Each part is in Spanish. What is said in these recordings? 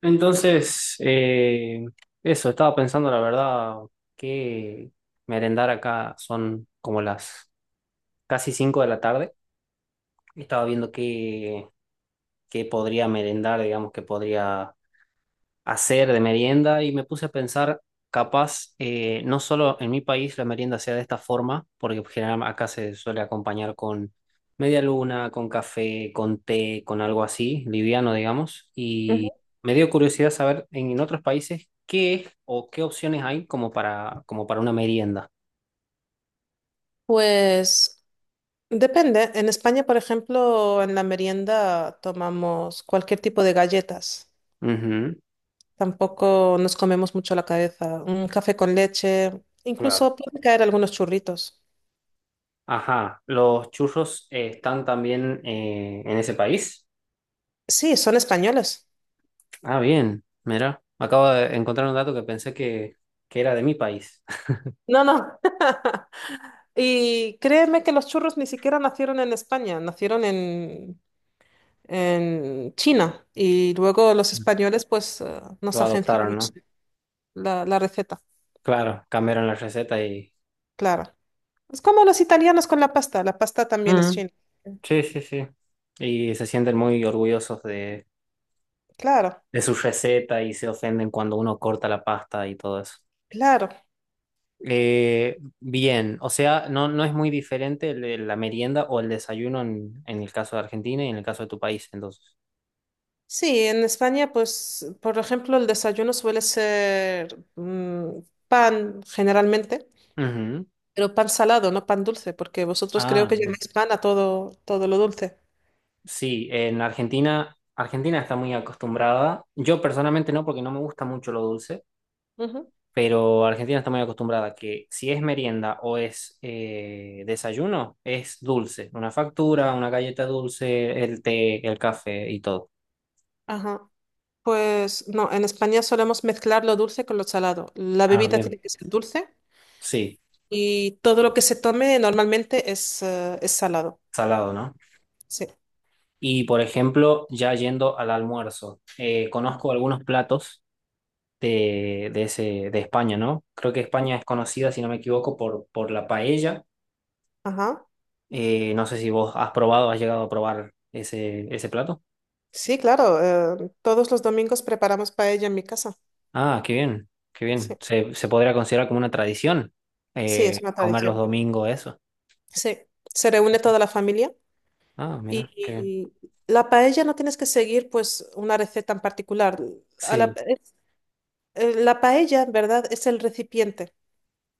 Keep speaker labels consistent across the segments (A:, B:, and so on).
A: Entonces, eso, estaba pensando la verdad que merendar acá son como las casi 5 de la tarde. Estaba viendo qué podría merendar, digamos, que podría hacer de merienda y me puse a pensar, capaz, no solo en mi país la merienda sea de esta forma, porque pues, generalmente acá se suele acompañar con media luna, con café, con té, con algo así, liviano, digamos, y
B: Ujú.
A: me dio curiosidad saber en otros países qué es o qué opciones hay como como para una merienda.
B: Pues depende. En España, por ejemplo, en la merienda tomamos cualquier tipo de galletas.
A: Ujú,
B: Tampoco nos comemos mucho la cabeza. Un café con leche.
A: claro.
B: Incluso pueden caer algunos churritos.
A: Ajá, ¿los churros están también en ese país?
B: Sí, son españoles.
A: Ah, bien, mira, acabo de encontrar un dato que que era de mi país.
B: No, no. Y créeme que los churros ni siquiera nacieron en España, nacieron en China. Y luego los españoles, pues, nos
A: Lo adoptaron,
B: agenciaron
A: ¿no?
B: la receta,
A: Claro, cambiaron la receta y...
B: claro. Es como los italianos con la pasta también es
A: Mm,
B: china.
A: sí, sí, sí. Y se sienten muy orgullosos
B: Claro,
A: de su receta y se ofenden cuando uno corta la pasta y todo eso.
B: claro.
A: Bien, o sea, no, no es muy diferente la merienda o el desayuno en el caso de Argentina y en el caso de tu país, entonces.
B: Sí, en España, pues, por ejemplo, el desayuno suele ser pan generalmente,
A: Ujú.
B: pero pan salado, no pan dulce, porque vosotros creo
A: Ah,
B: que
A: bien.
B: llamáis pan a todo, todo lo dulce.
A: Sí, en Argentina, Argentina está muy acostumbrada. Yo personalmente no, porque no me gusta mucho lo dulce,
B: Ujú.
A: pero Argentina está muy acostumbrada que si es merienda o es desayuno, es dulce. Una factura, una galleta dulce, el té, el café y todo.
B: Ajá. Pues no, en España solemos mezclar lo dulce con lo salado. La
A: Ah,
B: bebida
A: bien.
B: tiene que ser dulce
A: Sí,
B: y todo lo que se tome normalmente es salado.
A: salado, ¿no?
B: Sí.
A: Y por ejemplo, ya yendo al almuerzo, conozco algunos platos de, de ese, de España, ¿no? Creo que España es conocida, si no me equivoco, por la paella.
B: Ajá.
A: No sé si vos has probado, has llegado a probar ese plato.
B: Sí, claro, todos los domingos preparamos paella en mi casa.
A: Ah, qué bien, qué
B: Sí,
A: bien. Se podría considerar como una tradición
B: sí, es una
A: comer los
B: tradición.
A: domingos eso.
B: Sí, se reúne toda la familia
A: Ah, mira, qué bien.
B: y la paella no tienes que seguir pues una receta en particular. A la,
A: Sí,
B: es- la paella, en verdad, es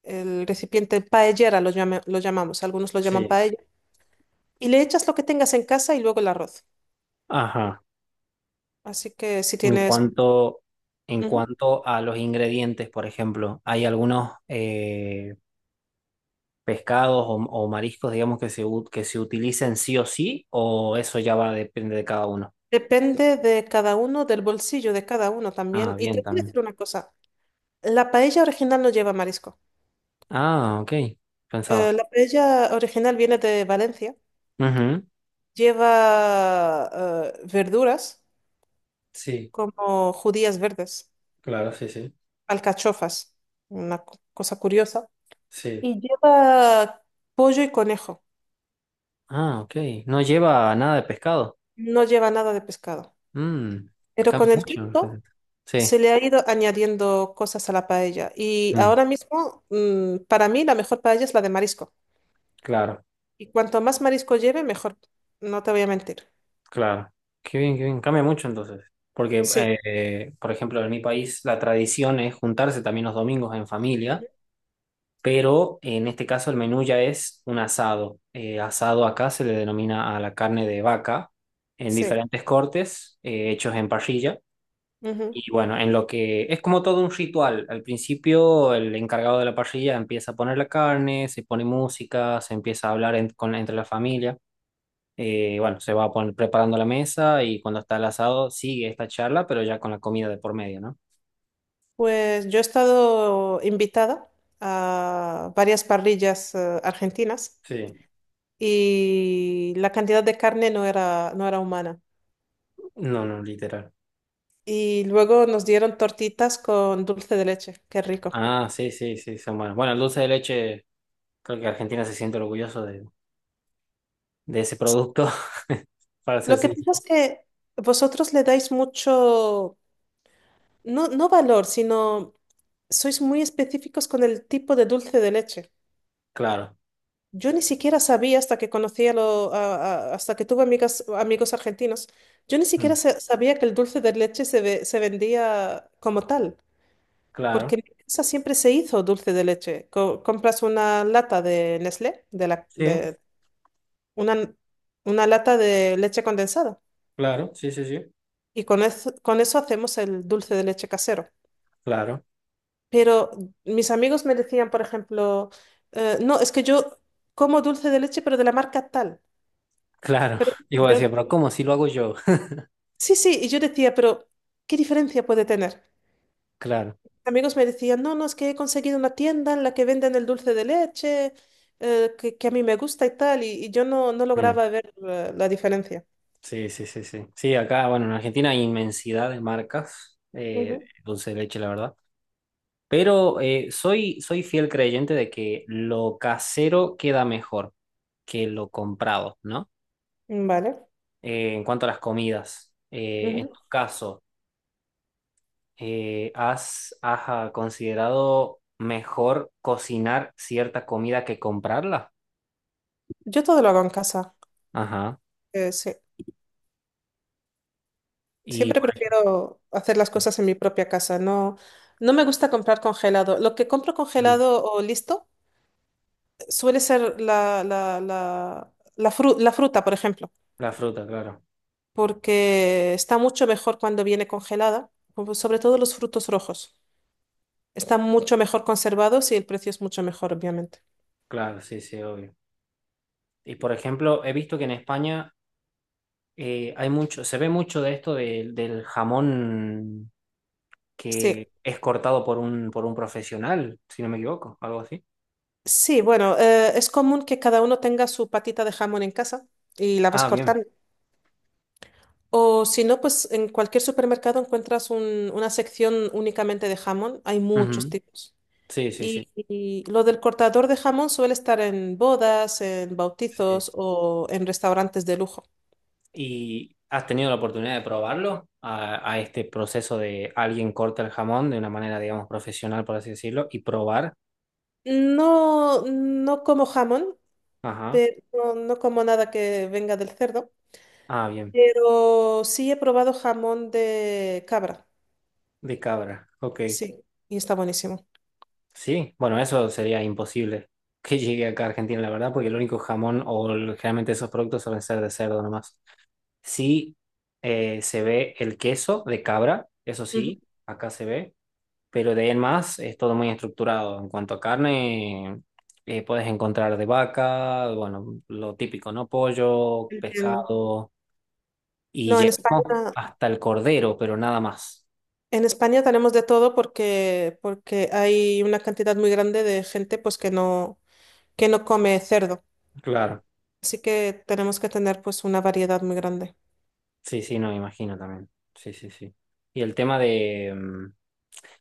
B: el recipiente paellera lo llamamos, algunos lo llaman
A: sí.
B: paella. Y le echas lo que tengas en casa y luego el arroz.
A: Ajá.
B: Así que si
A: En
B: tienes...
A: cuanto, en
B: ujú.
A: cuanto a los ingredientes, por ejemplo, hay algunos pescados o mariscos, digamos, que se utilicen sí o sí, o eso ya va, depende de cada uno.
B: Depende de cada uno, del bolsillo de cada uno también.
A: Ah,
B: Y
A: bien,
B: te voy a
A: también.
B: decir una cosa. La paella original no lleva marisco.
A: Ah, ok. Pensaba.
B: La paella original viene de Valencia.
A: Ujú.
B: Lleva verduras
A: Sí.
B: como judías verdes,
A: Claro, sí, sí.
B: alcachofas, una cosa curiosa.
A: Sí.
B: Y lleva pollo y conejo.
A: Ah, ok. No lleva nada de pescado.
B: No lleva nada de pescado.
A: Mm,
B: Pero
A: cambia
B: con el
A: mucho la
B: tiempo
A: receta. Sí.
B: se le ha ido añadiendo cosas a la paella. Y
A: Mm,
B: ahora mismo, para mí, la mejor paella es la de marisco.
A: claro,
B: Y cuanto más marisco lleve, mejor. No te voy a mentir.
A: claro. Qué bien, qué bien. Cambia mucho entonces. Porque,
B: Sí,
A: por ejemplo, en mi país la tradición es juntarse también los domingos en familia, pero en este caso el menú ya es un asado. Asado acá se le denomina a la carne de vaca en
B: sí.
A: diferentes cortes, hechos en parrilla.
B: Ujú.
A: Y bueno, en lo que es como todo un ritual. Al principio, el encargado de la parrilla empieza a poner la carne, se pone música, se empieza a hablar entre la familia. Bueno, se va a poner, preparando la mesa y cuando está el asado sigue esta charla, pero ya con la comida de por medio, ¿no?
B: Pues yo he estado invitada a varias parrillas argentinas
A: Sí.
B: y la cantidad de carne no era humana.
A: No, no, literal.
B: Y luego nos dieron tortitas con dulce de leche, qué rico.
A: Ah, sí, sí, sí, son buenos. Bueno, el dulce de leche, creo que Argentina se siente orgulloso de ese producto, para ser
B: Lo que
A: sincero.
B: pasa es que vosotros le dais mucho, no, no valor, sino sois muy específicos con el tipo de dulce de leche.
A: Claro,
B: Yo ni siquiera sabía hasta que conocía hasta que tuve amigas, amigos argentinos. Yo ni siquiera
A: Mm.
B: sabía que el dulce de leche se vendía como tal, porque
A: claro,
B: en mi casa siempre se hizo dulce de leche. Compras una lata de Nestlé,
A: sí,
B: de una, una lata de leche condensada,
A: claro, sí, sí, sí,
B: y con eso hacemos el dulce de leche casero.
A: claro.
B: Pero mis amigos me decían, por ejemplo, no, es que yo como dulce de leche, pero de la marca tal.
A: Claro. Y vos
B: Yo
A: decías, pero ¿cómo si lo hago yo?
B: Sí, sí, y yo decía, pero ¿qué diferencia puede tener?
A: Claro.
B: Amigos me decían, no, no, es que he conseguido una tienda en la que venden el dulce de leche, que a mí me gusta y tal, y yo no, no
A: Mm.
B: lograba ver la diferencia.
A: Sí, sí, sí, sí. Sí, acá, bueno, en Argentina hay inmensidad de marcas,
B: Ujú.
A: dulce de leche, la verdad. Pero soy fiel creyente de que lo casero queda mejor que lo comprado, ¿no?
B: Vale.
A: En cuanto a las comidas, en
B: Ujú.
A: tu caso, has ¿considerado mejor cocinar cierta comida que comprarla?
B: Yo todo lo hago en casa.
A: Ajá.
B: Sí.
A: Y
B: Siempre
A: por aquí,
B: prefiero hacer las
A: sí.
B: cosas en mi propia casa. No, no me gusta comprar congelado. Lo que compro
A: Mm.
B: congelado o listo suele ser la fruta, por ejemplo.
A: La fruta, claro.
B: Porque está mucho mejor cuando viene congelada, como sobre todo los frutos rojos. Están mucho mejor conservados y el precio es mucho mejor, obviamente.
A: Claro, sí, sí, obvio. Y por ejemplo, he visto que en España hay mucho, se ve mucho de esto del jamón
B: Sí,
A: que es cortado por por un profesional, si no me equivoco, algo así.
B: sí, bueno, es común que cada uno tenga su patita de jamón en casa y la vas
A: Ah, bien.
B: cortando. O si no, pues en cualquier supermercado encuentras una sección únicamente de jamón. Hay muchos
A: Ujú.
B: tipos.
A: Sí, sí, sí,
B: Y lo del cortador de jamón suele estar en bodas, en
A: sí.
B: bautizos o en restaurantes de lujo.
A: ¿Y has tenido la oportunidad de probarlo a este proceso de alguien corta el jamón de una manera, digamos, profesional, por así decirlo, y probar?
B: No, no como jamón,
A: Ajá.
B: pero no, no como nada que venga del cerdo.
A: Ah, bien.
B: Pero sí he probado jamón de cabra,
A: De cabra. Ok.
B: sí, y está buenísimo.
A: Sí, bueno, eso sería imposible que llegue acá a Argentina, la verdad, porque el único jamón generalmente esos productos suelen ser de cerdo nomás. Sí, se ve el queso de cabra, eso
B: Ujú.
A: sí, acá se ve, pero de ahí en más es todo muy estructurado. En cuanto a carne, puedes encontrar de vaca, bueno, lo típico, ¿no? Pollo,
B: Entiendo.
A: pescado, y
B: No,
A: llegamos hasta el cordero, pero nada más.
B: En España tenemos de todo porque, porque hay una cantidad muy grande de gente pues que no come cerdo.
A: Claro.
B: Así que tenemos que tener pues una variedad muy grande.
A: Sí, sí, no me imagino también. Sí, sí, sí. Y el tema de... mm,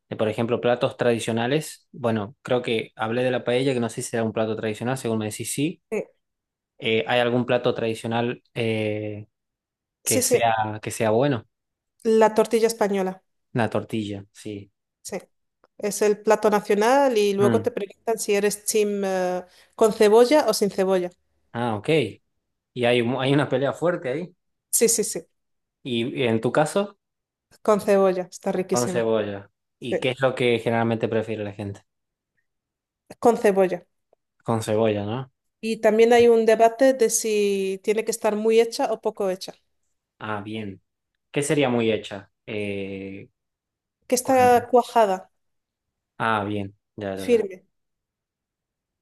A: de, por ejemplo, platos tradicionales. Bueno, creo que hablé de la paella, que no sé si era un plato tradicional, según me decís sí.
B: Sí,
A: ¿Hay algún plato tradicional
B: sí, sí,
A: que sea bueno?
B: la tortilla española,
A: Una tortilla, sí.
B: sí. Es el plato nacional y luego
A: Mm.
B: te preguntan si eres team, con cebolla o sin cebolla.
A: Ah, ok. Y hay, hay una pelea fuerte ahí.
B: Sí, sí, sí,
A: Y en tu caso,
B: con cebolla, está
A: con
B: riquísima.
A: cebolla.
B: Sí,
A: ¿Y qué es lo que generalmente prefiere la gente?
B: con cebolla.
A: Con cebolla, ¿no?
B: Y también hay un debate de si tiene que estar muy hecha o poco hecha.
A: Ah, bien. ¿Qué sería muy hecha?
B: Que
A: Con...
B: está cuajada,
A: Ah, bien. Ya, ya, ya.
B: firme.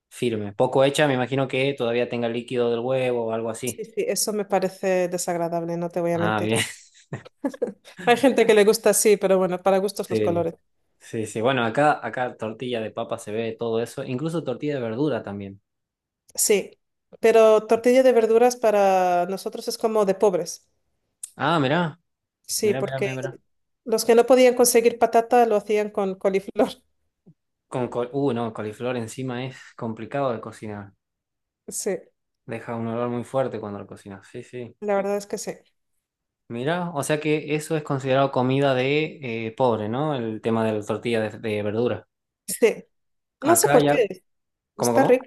A: Firme. Poco hecha, me imagino que todavía tenga líquido del huevo o algo así.
B: Sí, sí, eso me parece desagradable, no te voy a
A: Ah,
B: mentir.
A: bien.
B: Hay gente que le gusta así, pero bueno, para gustos los
A: Sí,
B: colores.
A: sí, sí. Bueno, acá, acá tortilla de papa se ve todo eso. Incluso tortilla de verdura también.
B: Sí, pero tortilla de verduras para nosotros es como de pobres.
A: Ah, mirá,
B: Sí,
A: mirá, mirá,
B: porque
A: mirá, mirá.
B: los que no podían conseguir patata lo hacían con coliflor.
A: No, coliflor encima es complicado de cocinar.
B: Sí,
A: Deja un olor muy fuerte cuando lo cocinas. Sí, sí.
B: la verdad es que sí.
A: Mirá, o sea que eso es considerado comida de pobre, ¿no? El tema de la tortilla de verdura.
B: Sí, no sé
A: Acá
B: por
A: ya,
B: qué,
A: ¿cómo,
B: está
A: cómo?
B: rico.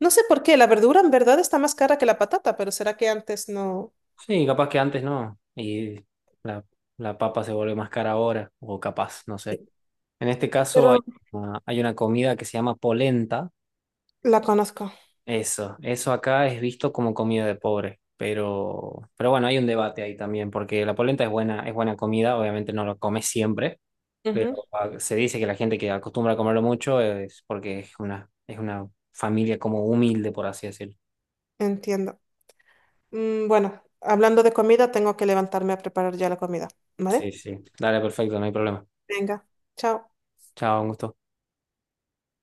B: No sé por qué, la verdura en verdad está más cara que la patata, pero será que antes no...
A: Sí, capaz que antes no. Y la, la papa se vuelve más cara ahora, o capaz, no sé. En este
B: Pero
A: caso hay hay una comida que se llama polenta.
B: la conozco.
A: Eso acá es visto como comida de pobre. Pero bueno, hay un debate ahí también, porque la polenta es buena comida, obviamente no lo comes siempre, pero
B: Ujú.
A: se dice que la gente que acostumbra a comerlo mucho es porque es una familia como humilde, por así decirlo.
B: Entiendo. Bueno, hablando de comida, tengo que levantarme a preparar ya la comida,
A: Sí,
B: ¿vale?
A: sí. Dale, perfecto, no hay problema.
B: Venga, chao.
A: Chao, un gusto.